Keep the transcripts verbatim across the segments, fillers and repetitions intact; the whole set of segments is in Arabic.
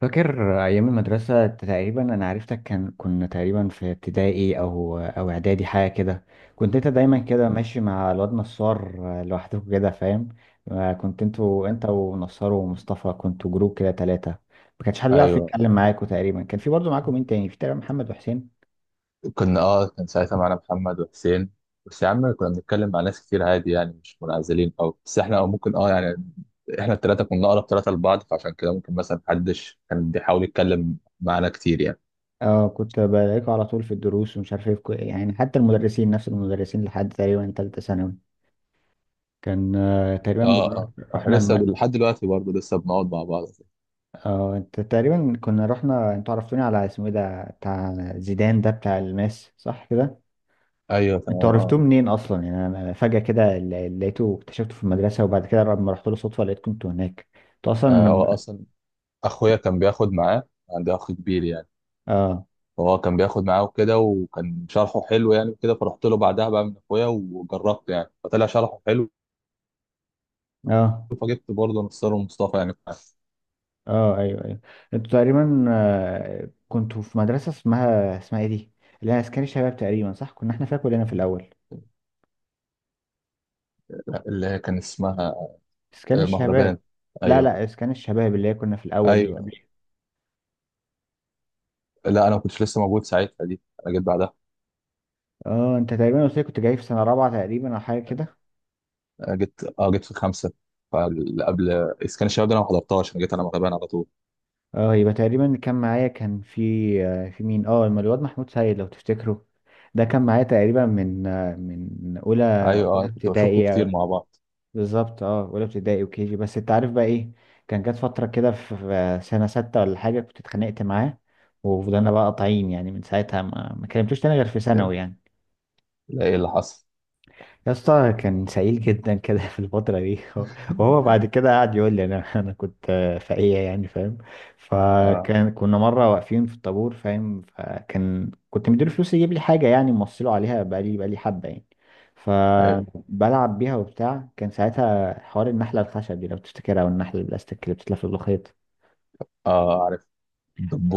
فاكر أيام المدرسة، تقريبا أنا عرفتك كان كنا تقريبا في ابتدائي أو أو إعدادي حاجة كده. كنت أنت دايما كده ماشي مع الواد نصار لوحدكم كده، فاهم؟ آه، كنت أنتوا، أنت ونصار ومصطفى، كنتوا جروب كده تلاتة. ما كانش حد بيعرف ايوه. يتكلم معاكوا تقريبا. كان في برضه معاكم مين تاني؟ في تقريبا محمد وحسين. كنا اه كان ساعتها معانا محمد وحسين. بس يا عم، كنا بنتكلم مع ناس كتير عادي، يعني مش منعزلين، او بس احنا، او ممكن، اه يعني احنا الثلاثه كنا اقرب ثلاثه لبعض، فعشان كده ممكن مثلا محدش كان بيحاول يتكلم معانا كتير يعني. اه، كنت بلاقيكوا على طول في الدروس، ومش عارف ايه في كو- يعني حتى المدرسين نفس المدرسين لحد تقريبا تالتة ثانوي. كان آه، تقريبا اه بنروح. اه، احنا رحنا. لسه لحد دلوقتي برضه لسه بنقعد مع بعض. اه انت تقريبا كنا رحنا، انتوا عرفتوني على اسمه ايه ده بتاع زيدان ده، بتاع الماس صح كده؟ ايوه انتوا تمام اه. عرفتوه منين اصلا؟ يعني انا فجأة كده ل- لقيته اكتشفته في المدرسة، وبعد كده لما رحت له صدفة لقيتكم انتوا هناك. انتوا آه، هو اصلا. اصلا اخويا كان بياخد معاه، عندي اخ كبير يعني، اه، فهو كان بياخد معاه وكده، وكان شرحه حلو يعني كده، فرحت له بعدها بقى من اخويا وجربت، يعني فطلع شرحه حلو، اه، فجبت برضه نصار ومصطفى يعني. اه، ايوه، ايوه. انتوا تقريبا آه، كنتوا في مدرسة اسمها اسمها ايه دي، اللي هي اسكان الشباب تقريبا صح؟ كنا احنا فيها كلنا في الاول. اللي هي كان اسمها اسكان آه، مهربان. الشباب. لا ايوه لا، اسكان الشباب اللي هي كنا في الاول دي قبل. ايوه. لا، انا ما كنتش لسه موجود ساعتها دي، انا جيت بعدها. اه انت تقريبا قلت لي كنت جاي في سنة رابعة تقريبا او حاجة كده. أنا جيت اه جيت في خمسه، فقبل اسكان الشباب ده انا ما حضرتهاش، انا جيت على مهربان على طول. اه يبقى تقريبا اللي كان معايا كان في آه، في مين؟ اه الم- الواد محمود سيد لو تفتكره، ده كان معايا تقريبا من آه، من اولى. ايوه اولى اه، كنت بشوفكم ابتدائي كتير آه، مع بعض. بالظبط. اه، اولى ابتدائي وكي جي. بس انت عارف بقى ايه؟ كان جت فتره كده في في سنه سته ولا حاجه كنت اتخانقت معاه، وفضلنا بقى قاطعين يعني من ساعتها ما ما كلمتوش تاني غير في ثانوي يعني. لا، ايه اللي حصل؟ يا اسطى كان سعيد جدا كده في الفترة دي. وهو بعد كده قعد يقول لي انا انا كنت فقيه يعني، فاهم؟ اه فكان كنا مرة واقفين في الطابور، فاهم؟ فكان كنت مديله فلوس يجيب لي حاجة يعني، موصله عليها بقالي بقالي حبة يعني. ايوه فبلعب بيها وبتاع. كان ساعتها حوار النحلة الخشب دي لو تفتكرها، او النحلة البلاستيك اللي بتتلف في الخيط. اه، عارف،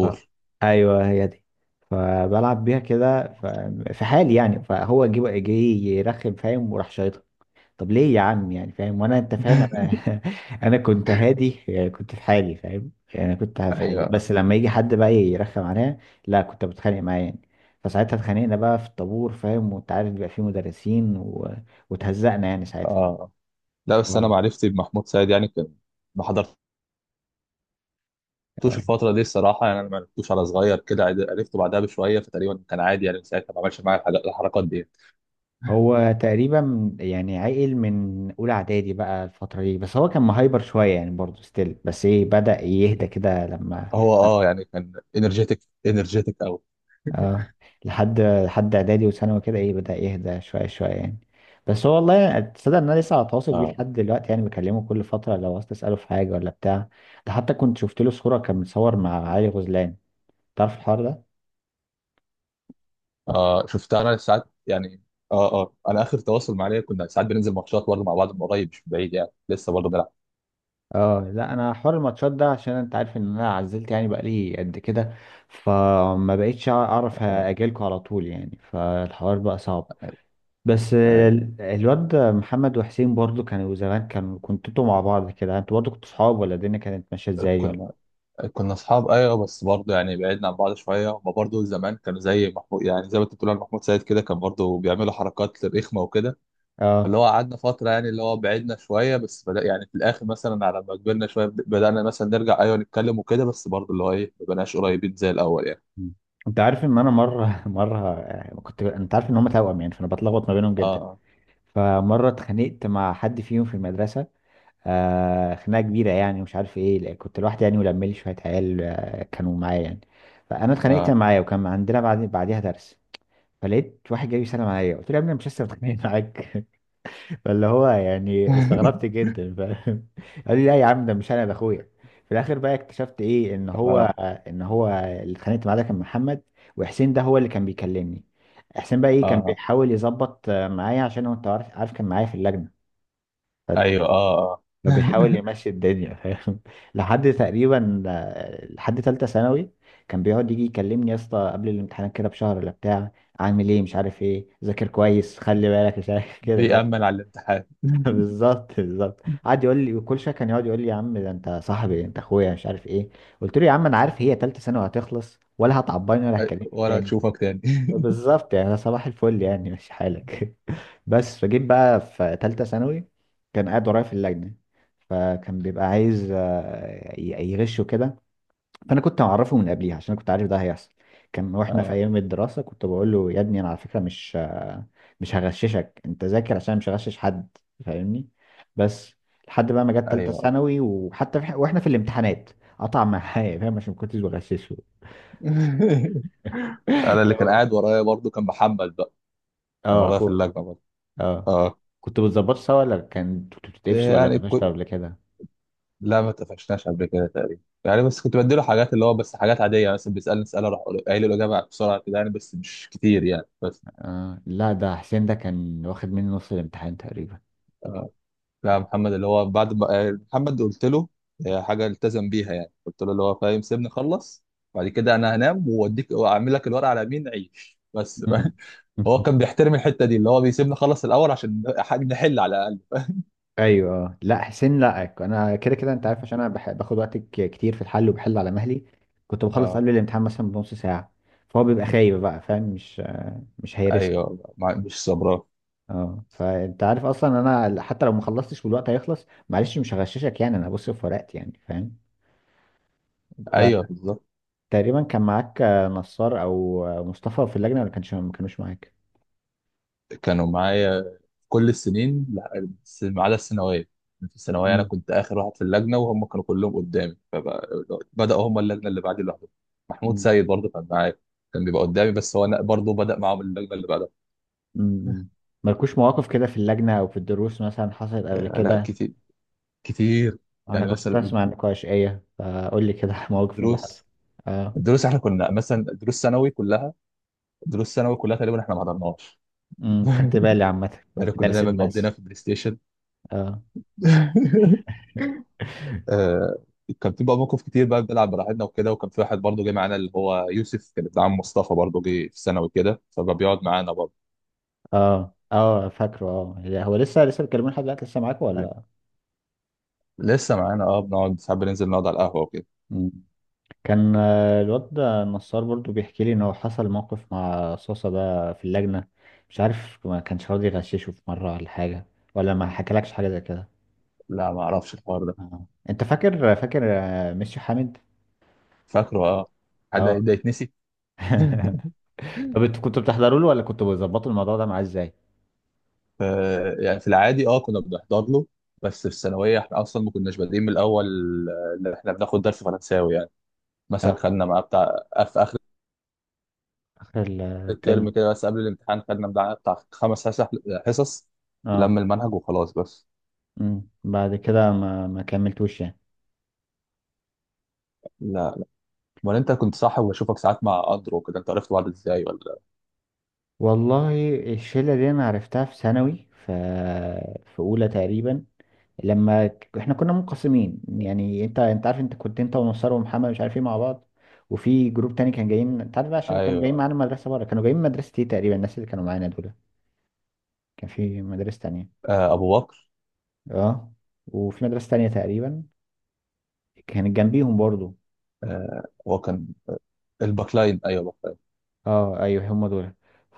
ف... ايوه هي دي. فبلعب بيها كده ف... في حالي يعني. فهو جه جه يرخم، فاهم؟ وراح شايطها. طب ليه يا عم يعني؟ فاهم؟ وانا، انت فاهم، انا انا كنت هادي يعني، كنت في حالي، فاهم يعني انا كنت في حالي، ايوه بس لما يجي حد بقى يرخم عليا لا كنت بتخانق معاه يعني. فساعتها اتخانقنا بقى في الطابور، فاهم؟ وانت عارف بيبقى فيه مدرسين و... وتهزقنا يعني ساعتها. اه. لا، بس انا اه. معرفتي بمحمود سعيد يعني كان، ما حضرت لعبتوش آه. الفترة دي الصراحة، يعني أنا ما لعبتوش على صغير كده، عد- عرفته بعدها بشوية، فتقريبا كان عادي يعني، من ساعتها ما عملش معايا الحاجات- الحركات دي. هو تقريبا يعني عقل من اولى اعدادي بقى الفتره دي، بس هو كان مهايبر شويه يعني برضه ستيل، بس ايه بدأ يهدى كده لما. هو أه يعني كان إنرجيتك، إنرجيتك أوي. اه، لحد لحد اعدادي وثانوي كده ايه بدأ يهدى شوية شوية يعني. بس هو والله يعني تصدق ان انا لسه على تواصل بيه أه لحد دلوقتي يعني، بكلمه كل فترة لو عاوز تسأله في حاجة ولا بتاع. ده حتى كنت شفت له صورة كان متصور مع علي غزلان. تعرف الحوار ده؟ أه، شفتها أنا ساعات يعني. أه أه، أنا آخر تواصل معايا كنا ساعات بننزل ماتشات برضه مع بعض من قريب، مش من بعيد، يعني لسه برضه بنلعب. اه لا، انا حوار الماتشات ده عشان انت عارف ان انا عزلت يعني بقالي قد كده، فما بقيتش اعرف أه اجيلكوا على طول يعني، فالحوار بقى صعب. أيوه بس أيوه. ال- الواد محمد وحسين برضو كانوا زمان، كانوا كنتوا انتوا مع بعض كده؟ انتوا برضو كنتوا صحاب ولا الدنيا كانت ماشيه ازاي ولا؟ كنا كنا أصحاب أيوه، بس برضه يعني بعدنا عن بعض شوية، هما برضه زمان كانوا زي محمود، يعني زي ما أنت بتقول على محمود سيد كده، كان برضه بيعملوا حركات رخمة وكده، اللي اه. هو قعدنا فترة، يعني اللي هو بعدنا شوية، بس بدأ يعني في الآخر مثلا على ما كبرنا شوية، بد- بدأنا مثلا نرجع أيوة نتكلم وكده، بس برضه اللي هو إيه ما بقناش قريبين زي الأول يعني. مم. انت عارف ان انا مره مره كنت، انت عارف ان هم توأم يعني، فانا بتلخبط ما بينهم جدا. آه فمره اتخانقت مع حد فيهم في المدرسه، آه خناقه كبيره يعني مش عارف ايه، لا، كنت لوحدي يعني ولملي شويه عيال آه، كانوا معايا يعني. فانا اتخانقت آه. معايا، وكان عندنا بعد بعديها درس. فلقيت واحد جاي يسلم عليا، قلت له يا ابني أنا مش لسه متخانق معاك؟ فاللي هو يعني استغربت جدا، فاهم؟ قال لي لا يا عم ده مش انا، ده اخويا. في الاخر بقى اكتشفت ايه ان هو آه ان هو اللي اتخانقت معاه ده كان محمد، وحسين ده هو اللي كان بيكلمني. حسين بقى ايه كان آه بيحاول يظبط آه، معايا، عشان هو انت عارف، عارف كان معايا في اللجنه. أيوة آه آه. فبيحاول يمشي الدنيا، فاهم؟ لحد تقريبا آه، لحد ثالثه ثانوي كان بيقعد يجي يكلمني يا اسطى قبل الامتحانات كده بشهر ولا بتاع، عامل ايه مش عارف ايه، ذاكر كويس خلي بالك مش عارف كده. بيأمل على الامتحان. بالظبط بالظبط، قعد يقول لي. وكل شويه كان يقعد يقول لي يا عم ده انت صاحبي انت اخويا مش عارف ايه. قلت له يا عم انا عارف هي تالتة ثانوي هتخلص، ولا هتعباني ولا أي- هتكلمني ولا تاني. أشوفك تاني. بالظبط يعني أنا صباح الفل يعني ماشي حالك بس فجيت بقى في تالتة ثانوي، كان قاعد ورايا في اللجنه. فكان بيبقى عايز آه، ي- يغشه كده. فانا كنت معرفه من قبليها عشان أنا كنت عارف ده هيحصل. كان واحنا في آه ايام الدراسه كنت بقول له يا ابني انا على فكره مش مش هغششك، انت ذاكر عشان مش هغشش حد، فاهمني؟ بس لحد بقى ما جت تالته أيوة آه. ثانوي، وحتى في واحنا في الامتحانات قطع معايا، فاهم؟ عشان ما كنتش بغششه. أنا اللي لا كان والله. قاعد ورايا برضه كان محمد بقى، كان اه ورايا في اخوه. اللجنة برضه اه آه. كنت بتظبط سوا ولا كان كنت بتتقفش ولا يعني اتقفشت قبل كده؟ لا، ما اتفقناش قبل كده تقريبا يعني، بس كنت بديله حاجات، اللي هو بس حاجات عادية، يعني مثلا بيسألني اسئلة اروح أقول- قايل له الإجابة بسرعة كده، يعني بس مش كتير يعني بس. آه. لا ده حسين ده كان واخد مني نص الامتحان تقريبا. لا، محمد اللي هو بعد ما آه، محمد قلت له آه، حاجة التزم بيها، يعني قلت له اللي هو فاهم سيبني اخلص، بعد كده انا هنام واديك واعمل لك الورقة على مين عيش بس. مم. هو كان بيحترم الحتة دي، اللي هو بيسيبني اخلص الأول عشان نح- نحل على الأقل. ايوه. آه. لا حسين، لا انا كده كده انت عارف عشان انا بح- باخد وقت ك- كتير في الحل وبحل على مهلي. كنت بخلص اه قبل الامتحان مثلا بنص ساعه. فهو بيبقى خايب بقى، فاهم؟ مش آه، مش هيرسك. ايوه، ما- مش صبران. اه، فانت عارف اصلا انا حتى لو ما خلصتش والوقت هيخلص معلش مش هغششك يعني، انا هبص في ورقتي يعني، فاهم؟ انت ايوه بالظبط. تقريبا كان معاك آه، نصار او آه، مصطفى في اللجنه ولا كانش؟ ما كانوش معاك. كانوا معايا كل السنين، لا، بس ما عدا الثانويه. في الثانويه انا مم. كنت اخر واحد في اللجنه، وهم كانوا كلهم قدامي، فبداوا هم اللجنه اللي بعدي لوحدهم. محمود مم. سيد برضه كان معايا، كان بيبقى قدامي، بس هو انا برضه بدا معاهم اللجنه اللي بعدها. مم. مالكوش مواقف كده في اللجنه او في الدروس مثلا حصلت قبل آه، لا، كده؟ كتير كتير. انا يعني كنت مثلا اسمع النقاشية فقول لي كده مواقف من اللي حصل. الدروس اه. الدروس احنا كنا مثلا دروس ثانوي كلها دروس ثانوي كلها تقريبا احنا ما حضرناش. امم، خدت بالي عامة. يعني في كنا درس دايما مقضينا الماس. في البلاي ستيشن. اه، آه، كان في بقى موقف كتير بقى بنلعب براحتنا وكده، وكان في واحد برضه جه معانا، اللي هو يوسف كان ابن عم مصطفى، برضه جه في ثانوي كده فبقى بيقعد معانا برضه اه، اه، فاكره. اه هي- هو لسه لسه بيتكلمون لحد دلوقتي؟ لسه معاكوا يعني. ولا؟ لسه معانا اه بنقعد ساعات بننزل نقعد على القهوه وكده. مم. كان آه، الواد ده النصار برضو بيحكي لي ان هو حصل موقف مع صوصة ده في اللجنة، مش عارف ما كانش راضي يغششه في مرة ولا حاجة، ولا ما حكالكش حاجة زي كده؟ لا، ما اعرفش الحوار ده. اه انت فاكر فاكر آه، ميسيو حامد؟ فاكره اه. حد اه. ده يتنسي؟ طب انتوا كنتوا بتحضروا له ولا كنتوا بتظبطوا الموضوع ده معاه ازاي؟ ف- يعني في العادي اه كنا بنحضر له، بس في الثانويه احنا اصلا ما كناش بادئين من الاول، آه، اللي احنا بناخد درس فرنساوي يعني، مثلا خدنا معاه بتاع في اخر اخر الترم. الترم كده، بس قبل الامتحان خدنا بتاع بتاع خمس حصص حصص اه. لم المنهج وخلاص بس. امم، بعد كده ما ما كملتوش يعني. لا. امال انت كنت صاحب وبشوفك ساعات مع اندرو كده، انت عرفت بعض ازاي ولا؟ والله الشله دي انا عرفتها في ثانوي، ف في اولى تقريبا. لما ك- احنا كنا منقسمين يعني، انت انت عارف انت كنت انت ومسار ومحمد مش عارف ايه مع بعض. وفي جروب تاني كان جايين، انت عارف بقى عشان كانوا جايين ايوه معانا مدرسه بره، كانوا جايين من مدرسه ايه تقريبا الناس اللي كانوا معانا دول. كان في مدرسه تانية. آه، ابو بكر. اه. وفي مدرسه تانية تقريبا كانت جنبيهم برضو. آه، هو كان الباكلاين، ايوه، باكلاين. اه ايوه هم دول.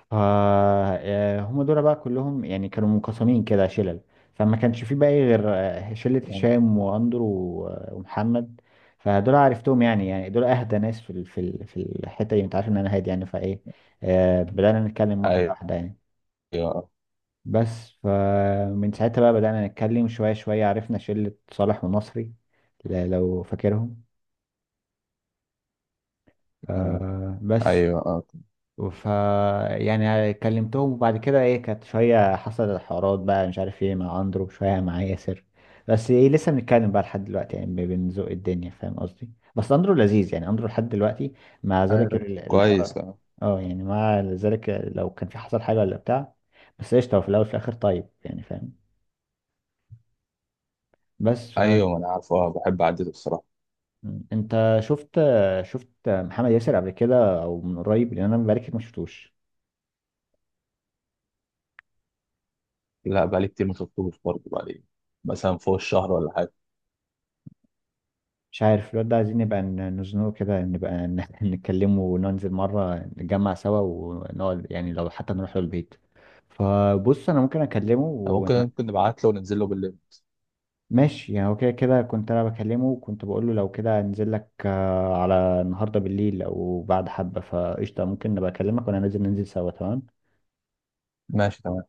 ف آه، هم دول بقى كلهم يعني كانوا منقسمين كده شلل. فما كانش في بقى إيه غير آه، شلة هشام واندرو و- ومحمد. فدول عرفتهم يعني، يعني دول اهدى ناس في ال- في ال- في الحتة دي، انت عارف ان انا هادي يعني، فايه آه، بدأنا نتكلم واحدة ايوه واحدة يعني. بس فمن ساعتها بقى بدأنا نتكلم شوية شوية، عرفنا شلة صالح ونصري ل- لو فاكرهم آه، آه، بس ايوه آه. ف يعني كلمتهم. وبعد كده ايه كانت شوية حصلت حوارات بقى مش عارف ايه مع اندرو، شوية مع ياسر. بس ايه لسه بنتكلم بقى لحد دلوقتي يعني، بن- بنزق الدنيا، فاهم قصدي؟ بس اندرو لذيذ يعني، اندرو لحد دلوقتي مع ايوه ذلك طب ال- كويس الحوار. آه. اه يعني مع ذلك لو كان في حصل حاجة ولا بتاع، بس قشطة هو في الأول وفي الآخر طيب يعني، فاهم؟ بس ف... ايوه ما انا عارفه آه، بحب اعدله الصراحه. م. انت شفت شفت محمد ياسر قبل كده او من قريب، لان انا بقالي كتير ما شفتوش. لا، بقالي كتير ما شفتوش برضه، بقالي مثلا فوق الشهر ولا حاجه. مش عارف الواد ده عايزين نبقى ن- نزنقه كده، نبقى ن- نتكلمه، وننزل مرة نتجمع سوا ونقعد يعني، لو حتى نروح له البيت. فبص انا ممكن اكلمه ون... ممكن ممكن نبعت له وننزل له بالليل. ماشي. يعني هو كده كده كنت انا بكلمه، وكنت بقول له لو كده انزل لك آه، على النهارده بالليل او بعد حبة، فقشطة ممكن نبقى اكلمك وانا نازل، ننزل سوا تمام. ماشي تمام.